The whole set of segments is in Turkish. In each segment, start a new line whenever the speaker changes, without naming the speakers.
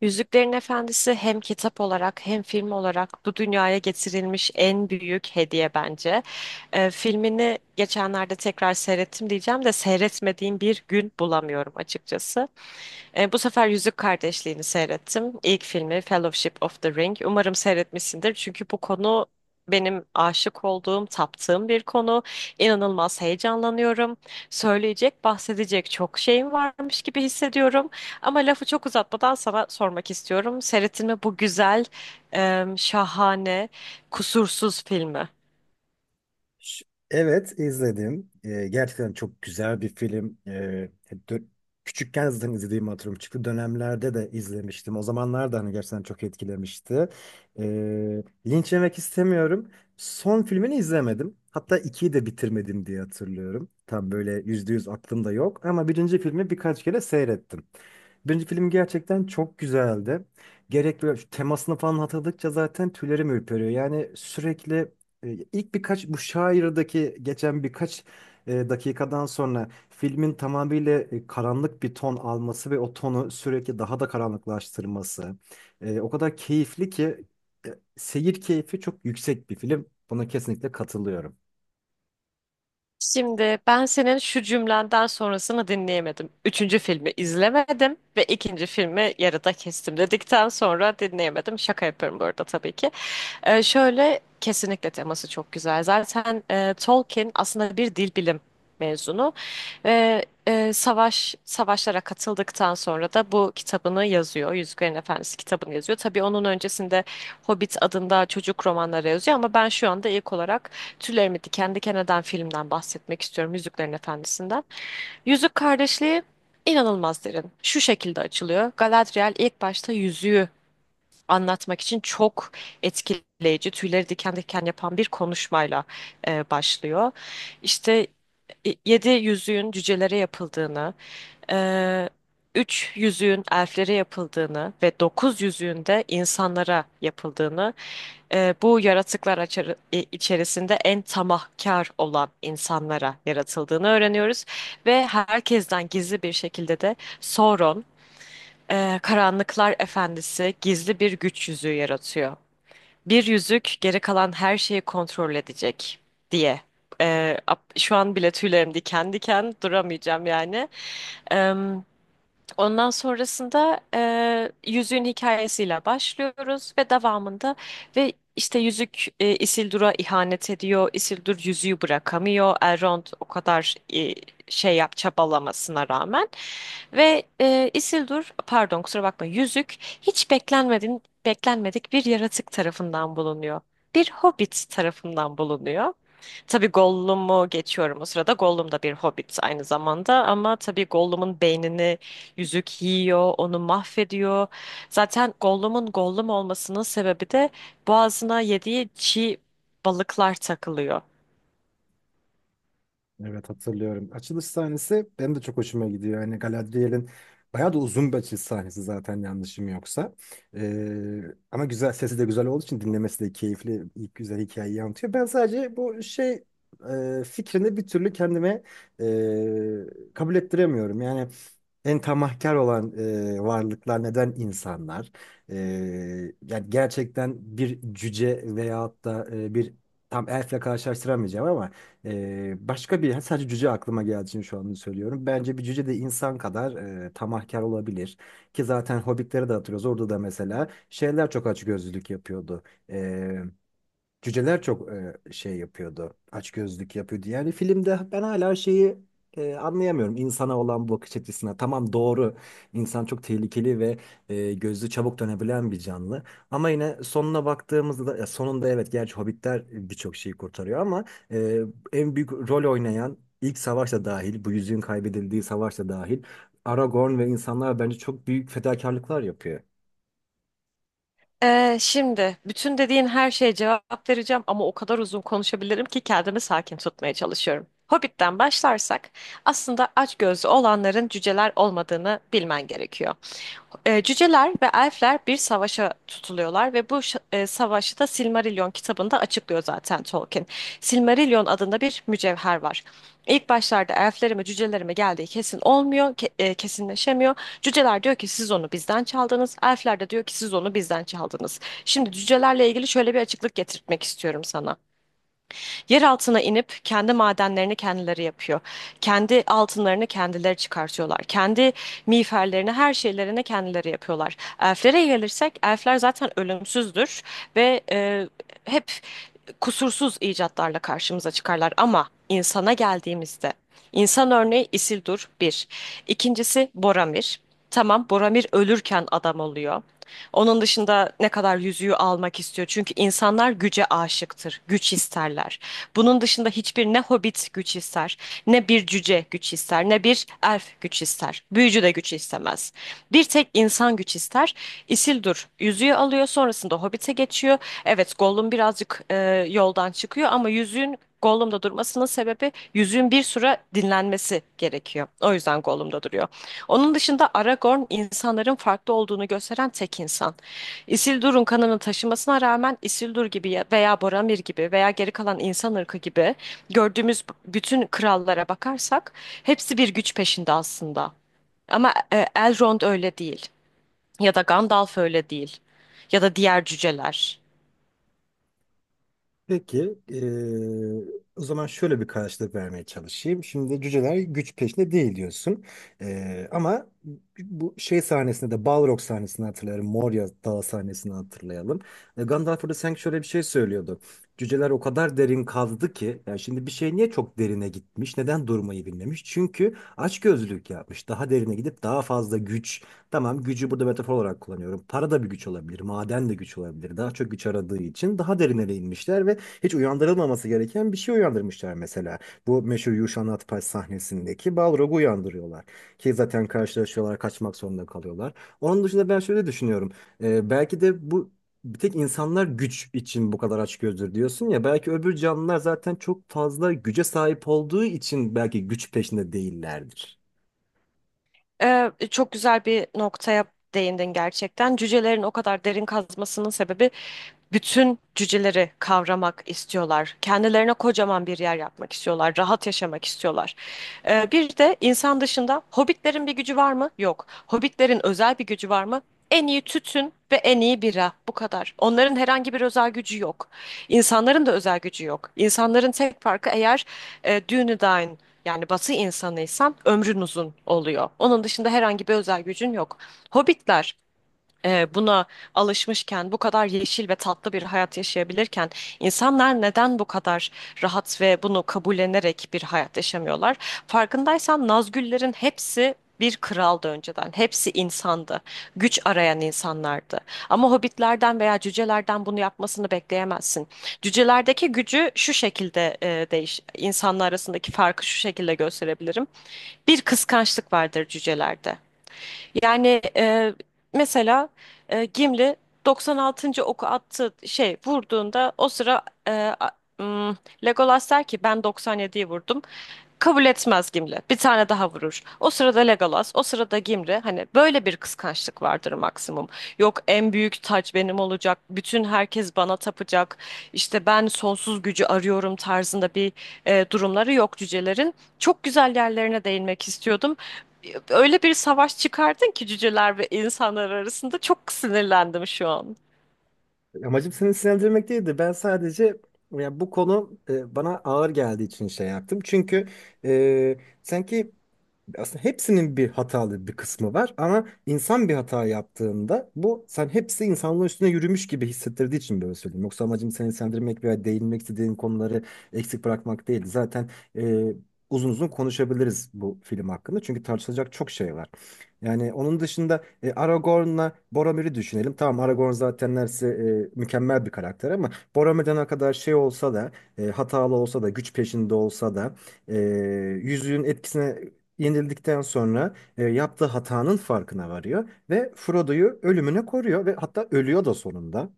Yüzüklerin Efendisi hem kitap olarak hem film olarak bu dünyaya getirilmiş en büyük hediye bence. Filmini geçenlerde tekrar seyrettim diyeceğim de seyretmediğim bir gün bulamıyorum açıkçası. Bu sefer Yüzük Kardeşliği'ni seyrettim. İlk filmi Fellowship of the Ring. Umarım seyretmişsindir. Çünkü bu konu benim aşık olduğum, taptığım bir konu. İnanılmaz heyecanlanıyorum. Söyleyecek, bahsedecek çok şeyim varmış gibi hissediyorum. Ama lafı çok uzatmadan sana sormak istiyorum. Seyrettin mi bu güzel, şahane, kusursuz filmi?
Ş- Evet, izledim. Gerçekten çok güzel bir film. Dö- Küçükken zaten izlediğim hatırlıyorum. Çıktı dönemlerde de izlemiştim. O zamanlar da hani gerçekten çok etkilemişti. Linç yemek istemiyorum. Son filmini izlemedim. Hatta ikiyi de bitirmedim diye hatırlıyorum. Tam böyle %100 aklımda yok. Ama birinci filmi birkaç kere seyrettim. Birinci film gerçekten çok güzeldi. Gerek böyle şu temasını falan hatırladıkça zaten tüylerim ürperiyor. Yani sürekli ilk birkaç bu şairdaki geçen birkaç dakikadan sonra filmin tamamıyla karanlık bir ton alması ve o tonu sürekli daha da karanlıklaştırması o kadar keyifli ki seyir keyfi çok yüksek bir film. Buna kesinlikle katılıyorum.
Şimdi ben senin şu cümlenden sonrasını dinleyemedim. Üçüncü filmi izlemedim ve ikinci filmi yarıda kestim dedikten sonra dinleyemedim. Şaka yapıyorum bu arada tabii ki. Şöyle kesinlikle teması çok güzel. Zaten Tolkien aslında bir dil bilim mezunu ve savaşlara katıldıktan sonra da bu kitabını yazıyor. Yüzüklerin Efendisi kitabını yazıyor. Tabii onun öncesinde Hobbit adında çocuk romanları yazıyor ama ben şu anda ilk olarak tüylerimi diken diken eden filmden bahsetmek istiyorum. Yüzüklerin Efendisi'nden. Yüzük Kardeşliği inanılmaz derin. Şu şekilde açılıyor. Galadriel ilk başta yüzüğü anlatmak için çok etkileyici, tüyleri diken diken yapan bir konuşmayla başlıyor. İşte yedi yüzüğün cücelere yapıldığını, ee, üç yüzüğün elflere yapıldığını ve dokuz yüzüğün de insanlara yapıldığını, bu yaratıklar içerisinde en tamahkar olan insanlara yaratıldığını öğreniyoruz. Ve herkesten gizli bir şekilde de Sauron, Karanlıklar Efendisi gizli bir güç yüzüğü yaratıyor. Bir yüzük geri kalan her şeyi kontrol edecek diye. Şu an bile tüylerim diken diken duramayacağım yani. Ondan sonrasında yüzüğün hikayesiyle başlıyoruz ve devamında ve işte yüzük Isildur'a ihanet ediyor. Isildur yüzüğü bırakamıyor. Elrond o kadar e, şey yap çabalamasına rağmen ve Isildur pardon kusura bakma yüzük hiç beklenmedik bir yaratık tarafından bulunuyor. Bir hobbit tarafından bulunuyor. Tabii Gollum'u geçiyorum o sırada. Gollum da bir hobbit aynı zamanda ama tabii Gollum'un beynini yüzük yiyor, onu mahvediyor. Zaten Gollum'un Gollum olmasının sebebi de boğazına yediği çiğ balıklar takılıyor.
Evet, hatırlıyorum. Açılış sahnesi benim de çok hoşuma gidiyor. Yani Galadriel'in bayağı da uzun bir açılış sahnesi zaten, yanlışım yoksa. Ee, Ama güzel, sesi de güzel olduğu için dinlemesi de keyifli. İlk güzel hikayeyi anlatıyor. Ben sadece bu şey fikrini bir türlü kendime kabul ettiremiyorum. Yani en tamahkar olan varlıklar neden insanlar? E, Yani gerçekten bir cüce veyahut da bir tam elfle karşılaştıramayacağım ama başka bir, sadece cüce aklıma geldiği için şu anda söylüyorum. Bence bir cüce de insan kadar tamahkar olabilir. Ki zaten Hobbit'leri de hatırlıyoruz. Orada da mesela şeyler çok açgözlülük yapıyordu. Cüceler çok şey yapıyordu. Açgözlük yapıyordu. Yani filmde ben hala şeyi anlayamıyorum. İnsana olan bu bakış açısına. Tamam, doğru. İnsan çok tehlikeli ve gözü çabuk dönebilen bir canlı. Ama yine sonuna baktığımızda, ya sonunda evet, gerçi hobbitler birçok şeyi kurtarıyor ama e, en büyük rol oynayan ilk savaşta dahil, bu yüzüğün kaybedildiği savaşta dahil, Aragorn ve insanlar bence çok büyük fedakarlıklar yapıyor.
Şimdi bütün dediğin her şeye cevap vereceğim ama o kadar uzun konuşabilirim ki kendimi sakin tutmaya çalışıyorum. Hobbit'ten başlarsak aslında açgözlü olanların cüceler olmadığını bilmen gerekiyor. Cüceler ve elfler bir savaşa tutuluyorlar ve bu savaşı da Silmarillion kitabında açıklıyor zaten Tolkien. Silmarillion adında bir mücevher var. İlk başlarda elflere mi cücelere mi geldiği kesin olmuyor, kesinleşemiyor. Cüceler diyor ki siz onu bizden çaldınız, elfler de diyor ki siz onu bizden çaldınız. Şimdi cücelerle ilgili şöyle bir açıklık getirtmek istiyorum sana. Yer altına inip kendi madenlerini kendileri yapıyor. Kendi altınlarını kendileri çıkartıyorlar. Kendi miğferlerini, her şeylerini kendileri yapıyorlar. Elflere gelirsek, elfler zaten ölümsüzdür ve hep kusursuz icatlarla karşımıza çıkarlar ama insana geldiğimizde insan örneği Isildur bir. İkincisi Boromir. Tamam Boromir ölürken adam oluyor. Onun dışında ne kadar yüzüğü almak istiyor. Çünkü insanlar güce aşıktır, güç isterler. Bunun dışında hiçbir ne hobbit güç ister, ne bir cüce güç ister, ne bir elf güç ister. Büyücü de güç istemez. Bir tek insan güç ister. Isildur yüzüğü alıyor, sonrasında hobbite geçiyor. Evet, Gollum birazcık yoldan çıkıyor ama yüzüğün Gollum'da durmasının sebebi yüzüğün bir süre dinlenmesi gerekiyor. O yüzden Gollum'da duruyor. Onun dışında Aragorn insanların farklı olduğunu gösteren tek insan. Isildur'un kanını taşımasına rağmen Isildur gibi veya Boromir gibi veya geri kalan insan ırkı gibi gördüğümüz bütün krallara bakarsak hepsi bir güç peşinde aslında. Ama Elrond öyle değil ya da Gandalf öyle değil ya da diğer cüceler.
Peki, o zaman şöyle bir karşılık vermeye çalışayım. Şimdi cüceler güç peşinde değil, diyorsun. Ama bu şey sahnesinde de, Balrog sahnesini hatırlayalım. Moria Dağı sahnesini hatırlayalım. Gandalf orada sanki şöyle bir şey söylüyordu. Cüceler o kadar derin kazdı ki, yani şimdi bir şey niye çok derine gitmiş, neden durmayı bilmemiş? Çünkü açgözlülük yapmış. Daha derine gidip daha fazla güç, tamam gücü burada metafor olarak kullanıyorum. Para da bir güç olabilir, maden de güç olabilir. Daha çok güç aradığı için daha derinlere inmişler, hiç uyandırılmaması gereken bir şey uyandırmışlar mesela. Bu meşhur Yuşan Atpaç sahnesindeki Balrog'u uyandırıyorlar. Ki zaten karşılaşıyorlar, kaçmak zorunda kalıyorlar. Onun dışında ben şöyle düşünüyorum. Belki de bu, bir tek insanlar güç için bu kadar açgözlü diyorsun ya. Belki öbür canlılar zaten çok fazla güce sahip olduğu için belki güç peşinde değillerdir.
Çok güzel bir noktaya değindin gerçekten. Cücelerin o kadar derin kazmasının sebebi bütün cüceleri kavramak istiyorlar. Kendilerine kocaman bir yer yapmak istiyorlar. Rahat yaşamak istiyorlar. Bir de insan dışında hobbitlerin bir gücü var mı? Yok. Hobbitlerin özel bir gücü var mı? En iyi tütün ve en iyi bira. Bu kadar. Onların herhangi bir özel gücü yok. İnsanların da özel gücü yok. İnsanların tek farkı eğer Dúnedain yani batı insanıysan ömrün uzun oluyor. Onun dışında herhangi bir özel gücün yok. Hobbitler buna alışmışken, bu kadar yeşil ve tatlı bir hayat yaşayabilirken insanlar neden bu kadar rahat ve bunu kabullenerek bir hayat yaşamıyorlar? Farkındaysan Nazgüllerin hepsi bir kraldı önceden. Hepsi insandı. Güç arayan insanlardı. Ama hobbitlerden veya cücelerden bunu yapmasını bekleyemezsin. Cücelerdeki gücü şu şekilde insanlar arasındaki farkı şu şekilde gösterebilirim. Bir kıskançlık vardır cücelerde. Yani mesela Gimli 96. oku attı şey vurduğunda o sıra e, a- m, Legolas der ki ben 97'yi vurdum. Kabul etmez Gimli. Bir tane daha vurur. O sırada Legolas, o sırada Gimli. Hani böyle bir kıskançlık vardır maksimum. Yok en büyük taç benim olacak. Bütün herkes bana tapacak. İşte ben sonsuz gücü arıyorum tarzında bir durumları yok cücelerin. Çok güzel yerlerine değinmek istiyordum. Öyle bir savaş çıkardın ki cüceler ve insanlar arasında çok sinirlendim şu an.
Amacım seni sinirlendirmek değildi. Ben sadece, ya bu konu bana ağır geldiği için şey yaptım. Çünkü e, sanki aslında hepsinin bir hatalı bir kısmı var ama insan bir hata yaptığında bu sen hepsi insanlığın üstüne yürümüş gibi hissettirdiği için böyle söyleyeyim. Yoksa amacım seni sendirmek veya değinmek istediğin konuları eksik bırakmak değil. Zaten e, uzun uzun konuşabiliriz bu film hakkında, çünkü tartışılacak çok şey var. Yani onun dışında Aragorn'la Boromir'i düşünelim. Tamam, Aragorn zaten neredeyse mükemmel bir karakter ama Boromir'den ne kadar şey olsa da hatalı olsa da güç peşinde olsa da e, yüzüğün etkisine yenildikten sonra yaptığı hatanın farkına varıyor ve Frodo'yu ölümüne koruyor ve hatta ölüyor da sonunda.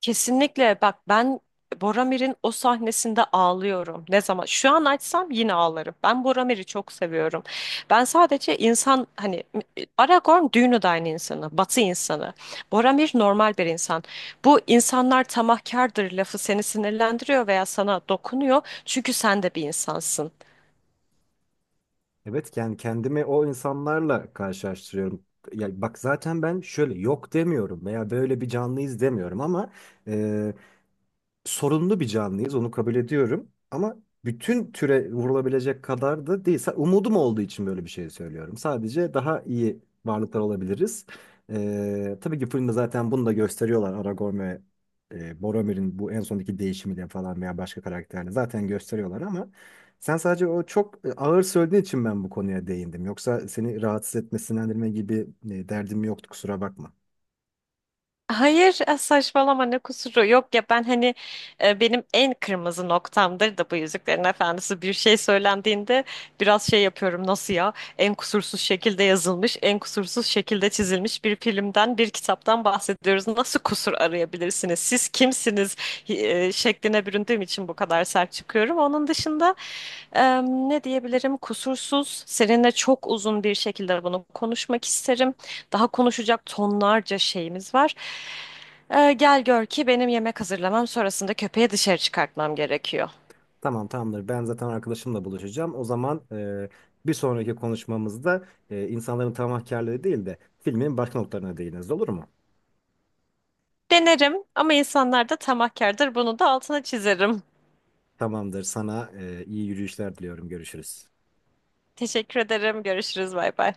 Kesinlikle bak ben Boromir'in o sahnesinde ağlıyorum. Ne zaman? Şu an açsam yine ağlarım. Ben Boromir'i çok seviyorum. Ben sadece insan hani Aragorn düğünü de aynı insanı, Batı insanı. Boromir normal bir insan. Bu insanlar tamahkardır lafı seni sinirlendiriyor veya sana dokunuyor. Çünkü sen de bir insansın.
Evet, yani kendimi o insanlarla karşılaştırıyorum. Ya bak, zaten ben şöyle yok demiyorum veya böyle bir canlıyız demiyorum ama e, sorunlu bir canlıyız, onu kabul ediyorum, ama bütün türe vurulabilecek kadar da değil. Umudum olduğu için böyle bir şey söylüyorum. Sadece daha iyi varlıklar olabiliriz. Tabii ki filmde zaten bunu da gösteriyorlar. Aragorn ve Boromir'in bu en sondaki değişimiyle falan veya başka karakterle zaten gösteriyorlar, ama sen sadece o çok ağır söylediğin için ben bu konuya değindim. Yoksa seni rahatsız etme, etmesinlendirme gibi derdim yoktu, kusura bakma.
Hayır saçmalama ne kusuru yok ya ben hani benim en kırmızı noktamdır da bu Yüzüklerin Efendisi bir şey söylendiğinde biraz şey yapıyorum nasıl ya en kusursuz şekilde yazılmış en kusursuz şekilde çizilmiş bir filmden bir kitaptan bahsediyoruz nasıl kusur arayabilirsiniz siz kimsiniz şekline büründüğüm için bu kadar sert çıkıyorum onun dışında ne diyebilirim kusursuz seninle çok uzun bir şekilde bunu konuşmak isterim. Daha konuşacak tonlarca şeyimiz var. Gel gör ki benim yemek hazırlamam sonrasında köpeği dışarı çıkartmam gerekiyor.
Tamam, tamamdır. Ben zaten arkadaşımla buluşacağım. O zaman bir sonraki konuşmamızda insanların tamahkârlığı değil de filmin başka noktalarına değiniriz. Olur mu?
Denerim ama insanlar da tamahkardır. Bunu da altına çizerim.
Tamamdır. Sana iyi yürüyüşler diliyorum. Görüşürüz.
Teşekkür ederim. Görüşürüz. Bay bay.